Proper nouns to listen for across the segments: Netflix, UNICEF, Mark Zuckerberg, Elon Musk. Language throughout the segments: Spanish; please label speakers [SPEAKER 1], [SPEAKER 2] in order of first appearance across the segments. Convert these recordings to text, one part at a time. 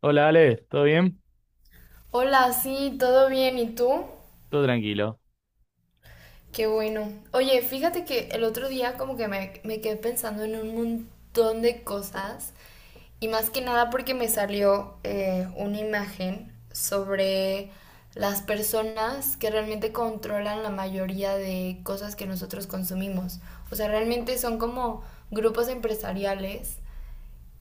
[SPEAKER 1] Hola Ale, ¿todo bien?
[SPEAKER 2] Hola, sí, todo bien, ¿y tú?
[SPEAKER 1] Todo tranquilo.
[SPEAKER 2] Qué bueno. Oye, fíjate que el otro día como que me quedé pensando en un montón de cosas y más que nada porque me salió una imagen sobre las personas que realmente controlan la mayoría de cosas que nosotros consumimos. O sea, realmente son como grupos empresariales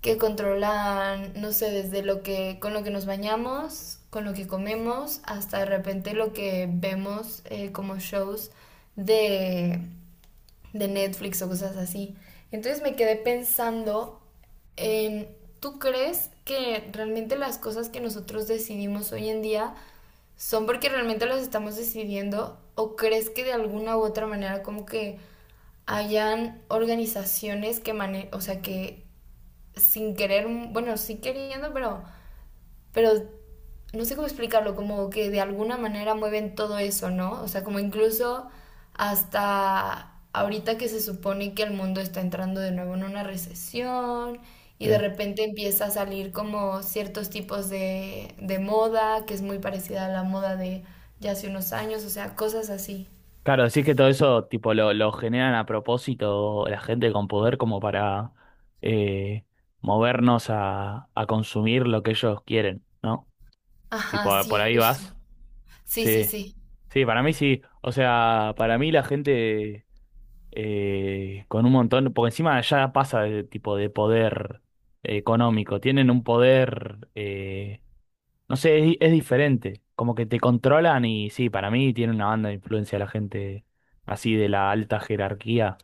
[SPEAKER 2] que controlan, no sé, desde con lo que nos bañamos, con lo que comemos, hasta de repente lo que vemos como shows de, de Netflix o cosas así. Entonces me quedé pensando en, ¿tú crees que realmente las cosas que nosotros decidimos hoy en día son porque realmente las estamos decidiendo o crees que de alguna u otra manera como que hayan organizaciones que mane o sea que sin querer, bueno, sí queriendo, pero no sé cómo explicarlo, como que de alguna manera mueven todo eso, ¿no? O sea, como incluso hasta ahorita que se supone que el mundo está entrando de nuevo en una recesión y
[SPEAKER 1] Sí.
[SPEAKER 2] de repente empieza a salir como ciertos tipos de moda que es muy parecida a la moda de ya hace unos años, o sea, cosas así.
[SPEAKER 1] Claro, decís que todo eso tipo lo generan a propósito la gente con poder como para eh, movernos a consumir lo que ellos quieren, ¿no?
[SPEAKER 2] Ajá,
[SPEAKER 1] Tipo,
[SPEAKER 2] sí,
[SPEAKER 1] por ahí
[SPEAKER 2] justo.
[SPEAKER 1] vas.
[SPEAKER 2] Sí, sí,
[SPEAKER 1] Sí,
[SPEAKER 2] sí.
[SPEAKER 1] sí, para mí sí. O sea, para mí la gente con un montón, porque encima ya pasa de tipo de poder económico, tienen un poder, no sé, es diferente. Como que te controlan y sí, para mí tiene una banda de influencia la gente así de la alta jerarquía,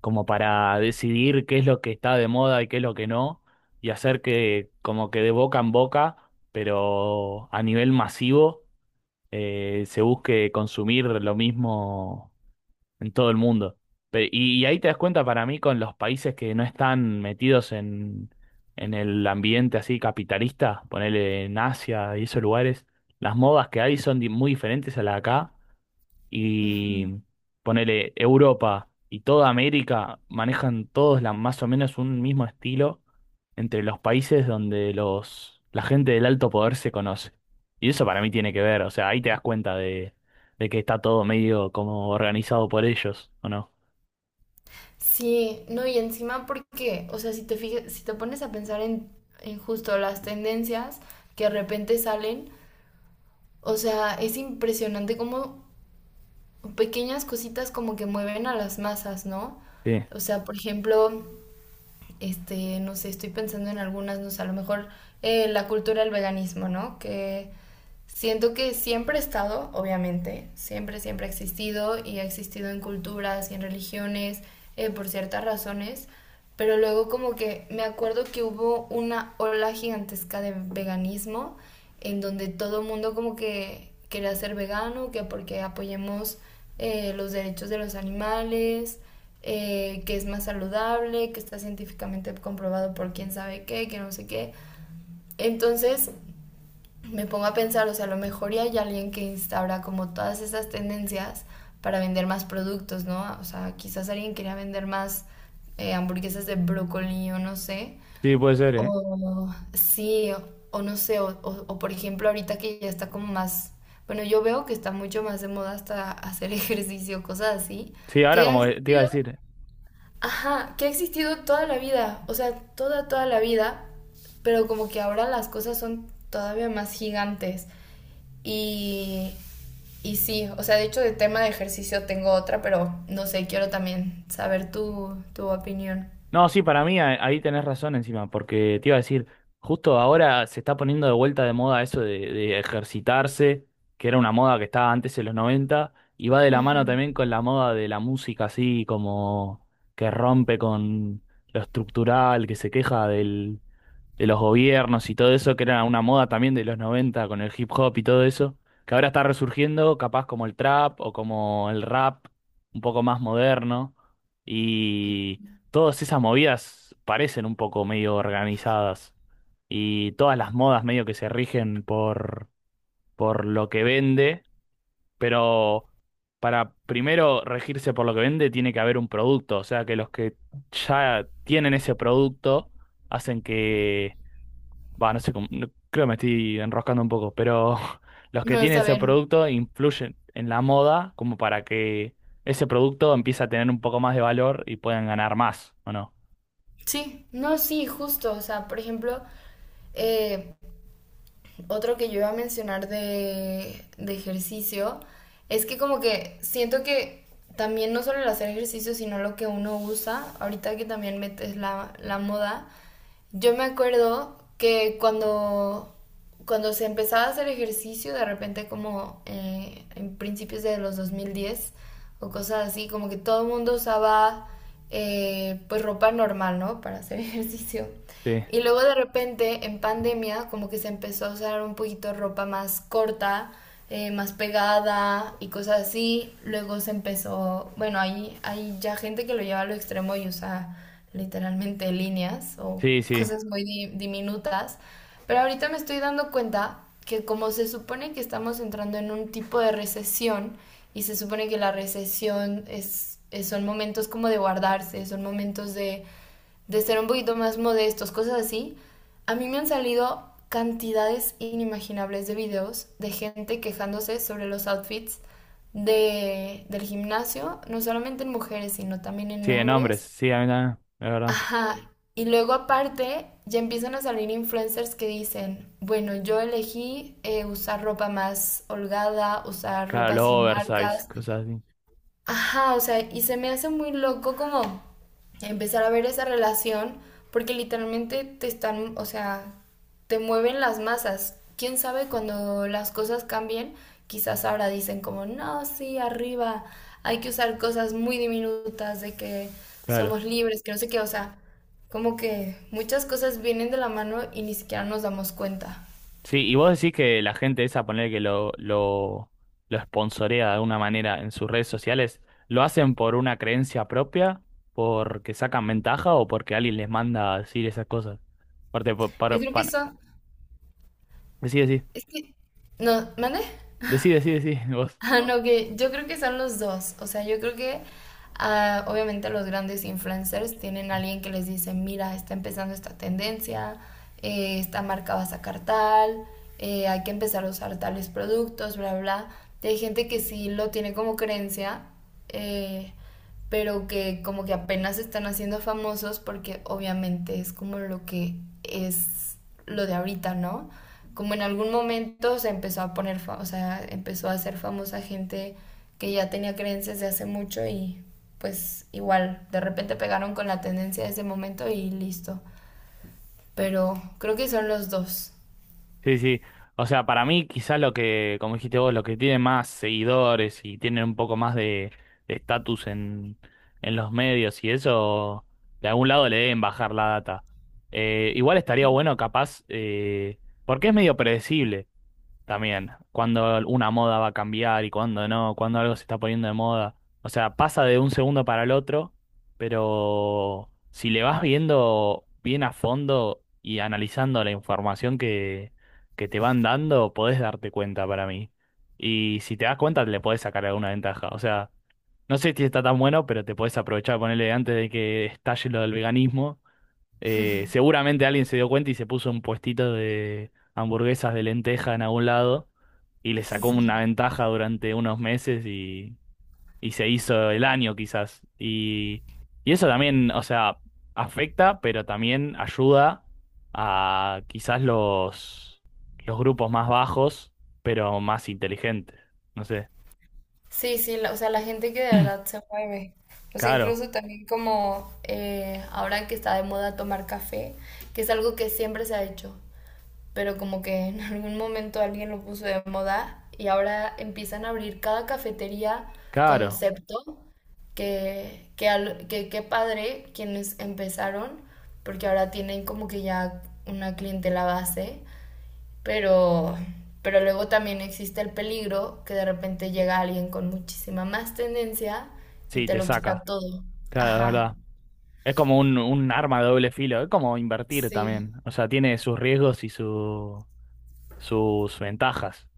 [SPEAKER 1] como para decidir qué es lo que está de moda y qué es lo que no, y hacer que como que de boca en boca, pero a nivel masivo, se busque consumir lo mismo en todo el mundo. Y ahí te das cuenta para mí con los países que no están metidos en el ambiente así capitalista, ponele en Asia y esos lugares, las modas que hay son muy diferentes a las de acá, y ponele Europa y toda América manejan todos más o menos un mismo estilo entre los países donde la gente del alto poder se conoce. Y eso para mí tiene que ver, o sea, ahí te das cuenta de que está todo medio como organizado por ellos, ¿o no?
[SPEAKER 2] Sí, no, y encima porque, o sea, si te fijas, si te pones a pensar en justo las tendencias que de repente salen, o sea, es impresionante cómo pequeñas cositas como que mueven a las masas, ¿no?
[SPEAKER 1] Sí,
[SPEAKER 2] O sea, por ejemplo, este, no sé, estoy pensando en algunas, no sé, a lo mejor la cultura del veganismo, ¿no? Que siento que siempre ha estado, obviamente, siempre ha existido y ha existido en culturas y en religiones por ciertas razones, pero luego como que me acuerdo que hubo una ola gigantesca de veganismo en donde todo el mundo como que quería ser vegano, que porque apoyemos los derechos de los animales, que es más saludable, que está científicamente comprobado por quién sabe qué, que no sé qué. Entonces me pongo a pensar, o sea, a lo mejor ya hay alguien que instaura como todas esas tendencias para vender más productos, ¿no? O sea, quizás alguien quería vender más hamburguesas de brócoli o no sé,
[SPEAKER 1] sí, puede ser, ¿eh?
[SPEAKER 2] o sí, o no sé, o por ejemplo ahorita que ya está como más, bueno, yo veo que está mucho más de moda hasta hacer ejercicio, cosas así,
[SPEAKER 1] Sí, ahora
[SPEAKER 2] que ha
[SPEAKER 1] como que te iba a
[SPEAKER 2] existido,
[SPEAKER 1] decir.
[SPEAKER 2] ajá, que ha existido toda la vida, o sea, toda, toda la vida, pero como que ahora las cosas son todavía más gigantes. Y, y sí, o sea, de hecho de tema de ejercicio tengo otra, pero no sé, quiero también saber tu opinión.
[SPEAKER 1] No, sí, para mí ahí tenés razón, encima porque te iba a decir, justo ahora se está poniendo de vuelta de moda eso de ejercitarse, que era una moda que estaba antes en los 90 y va de la
[SPEAKER 2] Ujú.
[SPEAKER 1] mano también con la moda de la música así como que rompe con lo estructural, que se queja de los gobiernos y todo eso, que era una moda también de los 90 con el hip hop y todo eso, que ahora está resurgiendo, capaz como el trap o como el rap, un poco más moderno, y todas esas movidas parecen un poco medio organizadas, y todas las modas medio que se rigen por lo que vende, pero para primero regirse por lo que vende, tiene que haber un producto. O sea, que los que ya tienen ese producto hacen que, va, no sé cómo, creo que me estoy enroscando un poco, pero los que
[SPEAKER 2] No,
[SPEAKER 1] tienen
[SPEAKER 2] está
[SPEAKER 1] ese
[SPEAKER 2] bien.
[SPEAKER 1] producto influyen en la moda como para que ese producto empiece a tener un poco más de valor y puedan ganar más, ¿o no?
[SPEAKER 2] Sí. No, sí, justo. O sea, por ejemplo, eh, otro que yo iba a mencionar de ejercicio es que como que siento que también no solo el hacer ejercicio, sino lo que uno usa, ahorita que también metes la moda, yo me acuerdo que cuando se empezaba a hacer ejercicio, de repente como en principios de los 2010 o cosas así, como que todo el mundo usaba pues ropa normal, ¿no? Para hacer ejercicio.
[SPEAKER 1] Sí,
[SPEAKER 2] Y luego de repente en pandemia como que se empezó a usar un poquito ropa más corta, más pegada y cosas así. Luego se empezó, bueno, hay ya gente que lo lleva a lo extremo y usa literalmente líneas o
[SPEAKER 1] sí, sí.
[SPEAKER 2] cosas muy diminutas. Pero ahorita me estoy dando cuenta que como se supone que estamos entrando en un tipo de recesión y se supone que la recesión son momentos como de guardarse, son momentos de ser un poquito más modestos, cosas así, a mí me han salido cantidades inimaginables de videos de gente quejándose sobre los outfits del gimnasio, no solamente en mujeres, sino también en
[SPEAKER 1] Sí, en hombres,
[SPEAKER 2] hombres.
[SPEAKER 1] sí, a mí también, es verdad.
[SPEAKER 2] Ajá. Y luego aparte ya empiezan a salir influencers que dicen, bueno, yo elegí usar ropa más holgada, usar
[SPEAKER 1] Claro,
[SPEAKER 2] ropa
[SPEAKER 1] los
[SPEAKER 2] sin
[SPEAKER 1] oversize,
[SPEAKER 2] marcas.
[SPEAKER 1] cosas así,
[SPEAKER 2] Ajá, o sea, y se me hace muy loco como empezar a ver esa relación, porque literalmente te están, o sea, te mueven las masas. Quién sabe cuando las cosas cambien, quizás ahora dicen como, no, sí, arriba, hay que usar cosas muy diminutas, de que
[SPEAKER 1] claro.
[SPEAKER 2] somos libres, que no sé qué, o sea, como que muchas cosas vienen de la mano y ni siquiera nos damos cuenta.
[SPEAKER 1] Sí, y vos decís que la gente esa, poner que lo sponsorea de alguna manera en sus redes sociales, ¿lo hacen por una creencia propia? ¿Porque sacan ventaja o porque alguien les manda a decir esas cosas? Aparte,
[SPEAKER 2] Yo creo que eso,
[SPEAKER 1] decí, decí.
[SPEAKER 2] es que, no, ¿mande?
[SPEAKER 1] Decí, decí, decí, vos.
[SPEAKER 2] Ah, no, que yo creo que son los dos. O sea, yo creo que obviamente los grandes influencers tienen a alguien que les dice, mira, está empezando esta tendencia, esta marca va a sacar tal, hay que empezar a usar tales productos, bla, bla. Y hay gente que sí lo tiene como creencia, eh, pero que como que apenas se están haciendo famosos porque obviamente es como lo que es lo de ahorita, ¿no? Como en algún momento se empezó a poner, o sea, empezó a ser famosa gente que ya tenía creencias de hace mucho y pues igual, de repente pegaron con la tendencia de ese momento y listo. Pero creo que son los dos.
[SPEAKER 1] Sí, sí. Sí. O sea, para mí, quizás lo que, como dijiste vos, los que tienen más seguidores y tienen un poco más de estatus en los medios y eso, de algún lado le deben bajar la data. Igual estaría bueno, capaz, porque es medio predecible. También, cuando una moda va a cambiar y cuando no, cuando algo se está poniendo de moda. O sea, pasa de un segundo para el otro, pero si le vas viendo bien a fondo y analizando la información que te van dando, podés darte cuenta para mí. Y si te das cuenta, le podés sacar alguna ventaja. O sea, no sé si está tan bueno, pero te podés aprovechar, ponerle antes de que estalle lo del veganismo. Seguramente alguien se dio cuenta y se puso un puestito de hamburguesas de lenteja en algún lado y le sacó una
[SPEAKER 2] Sí.
[SPEAKER 1] ventaja durante unos meses y se hizo el año quizás. Y eso también, o sea, afecta, pero también ayuda a quizás los grupos más bajos, pero más inteligentes. No sé,
[SPEAKER 2] Sí, sí, la- o sea, la gente que de verdad se mueve. O sea,
[SPEAKER 1] claro,
[SPEAKER 2] incluso también como ahora que está de moda tomar café, que es algo que siempre se ha hecho, pero como que en algún momento alguien lo puso de moda y ahora empiezan a abrir cada cafetería
[SPEAKER 1] claro,
[SPEAKER 2] concepto qué padre quienes empezaron, porque ahora tienen como que ya una clientela base pero, pero luego también existe el peligro que de repente llega alguien con muchísima más tendencia y
[SPEAKER 1] sí,
[SPEAKER 2] te
[SPEAKER 1] te
[SPEAKER 2] lo quita
[SPEAKER 1] saca,
[SPEAKER 2] todo.
[SPEAKER 1] claro, es
[SPEAKER 2] Ajá,
[SPEAKER 1] verdad. Es como un arma de doble filo, es como invertir
[SPEAKER 2] sí,
[SPEAKER 1] también. O sea, tiene sus riesgos y sus ventajas.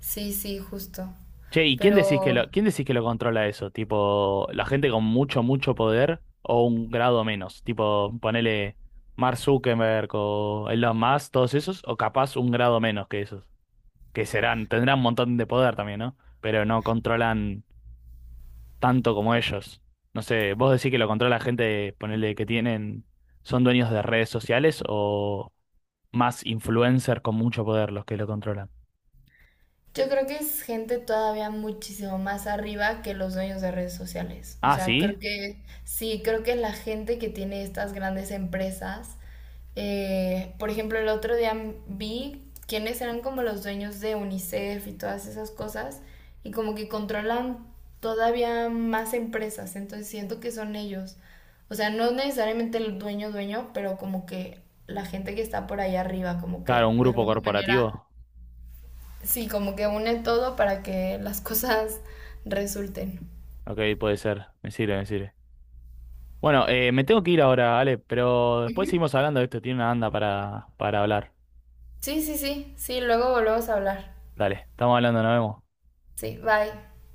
[SPEAKER 2] sí, sí, justo.
[SPEAKER 1] Che, ¿y quién decís que
[SPEAKER 2] Pero
[SPEAKER 1] lo, controla eso? Tipo, la gente con mucho, mucho poder o un grado menos. Tipo, ponele Mark Zuckerberg o Elon Musk, todos esos, o capaz un grado menos que esos. Que serán, tendrán un montón de poder también, ¿no? Pero no controlan tanto como ellos. No sé, vos decís que lo controla gente, ponele son dueños de redes sociales o más influencers con mucho poder los que lo controlan.
[SPEAKER 2] yo creo que es gente todavía muchísimo más arriba que los dueños de redes sociales. O
[SPEAKER 1] Ah,
[SPEAKER 2] sea, creo
[SPEAKER 1] sí,
[SPEAKER 2] que sí, creo que la gente que tiene estas grandes empresas. Por ejemplo, el otro día vi quiénes eran como los dueños de UNICEF y todas esas cosas, y como que controlan todavía más empresas, entonces siento que son ellos. O sea, no necesariamente el dueño dueño, pero como que la gente que está por ahí arriba, como
[SPEAKER 1] claro,
[SPEAKER 2] que
[SPEAKER 1] un
[SPEAKER 2] de
[SPEAKER 1] grupo
[SPEAKER 2] alguna manera,
[SPEAKER 1] corporativo.
[SPEAKER 2] sí, como que une todo para que las cosas resulten.
[SPEAKER 1] Ok, puede ser, me sirve, me sirve. Bueno, me tengo que ir ahora, Ale, pero después
[SPEAKER 2] Ujú.
[SPEAKER 1] seguimos hablando de esto, tiene una banda para hablar.
[SPEAKER 2] Sí, sí, sí, sí, luego volvemos a hablar.
[SPEAKER 1] Dale, estamos hablando, nos vemos.
[SPEAKER 2] Sí, bye.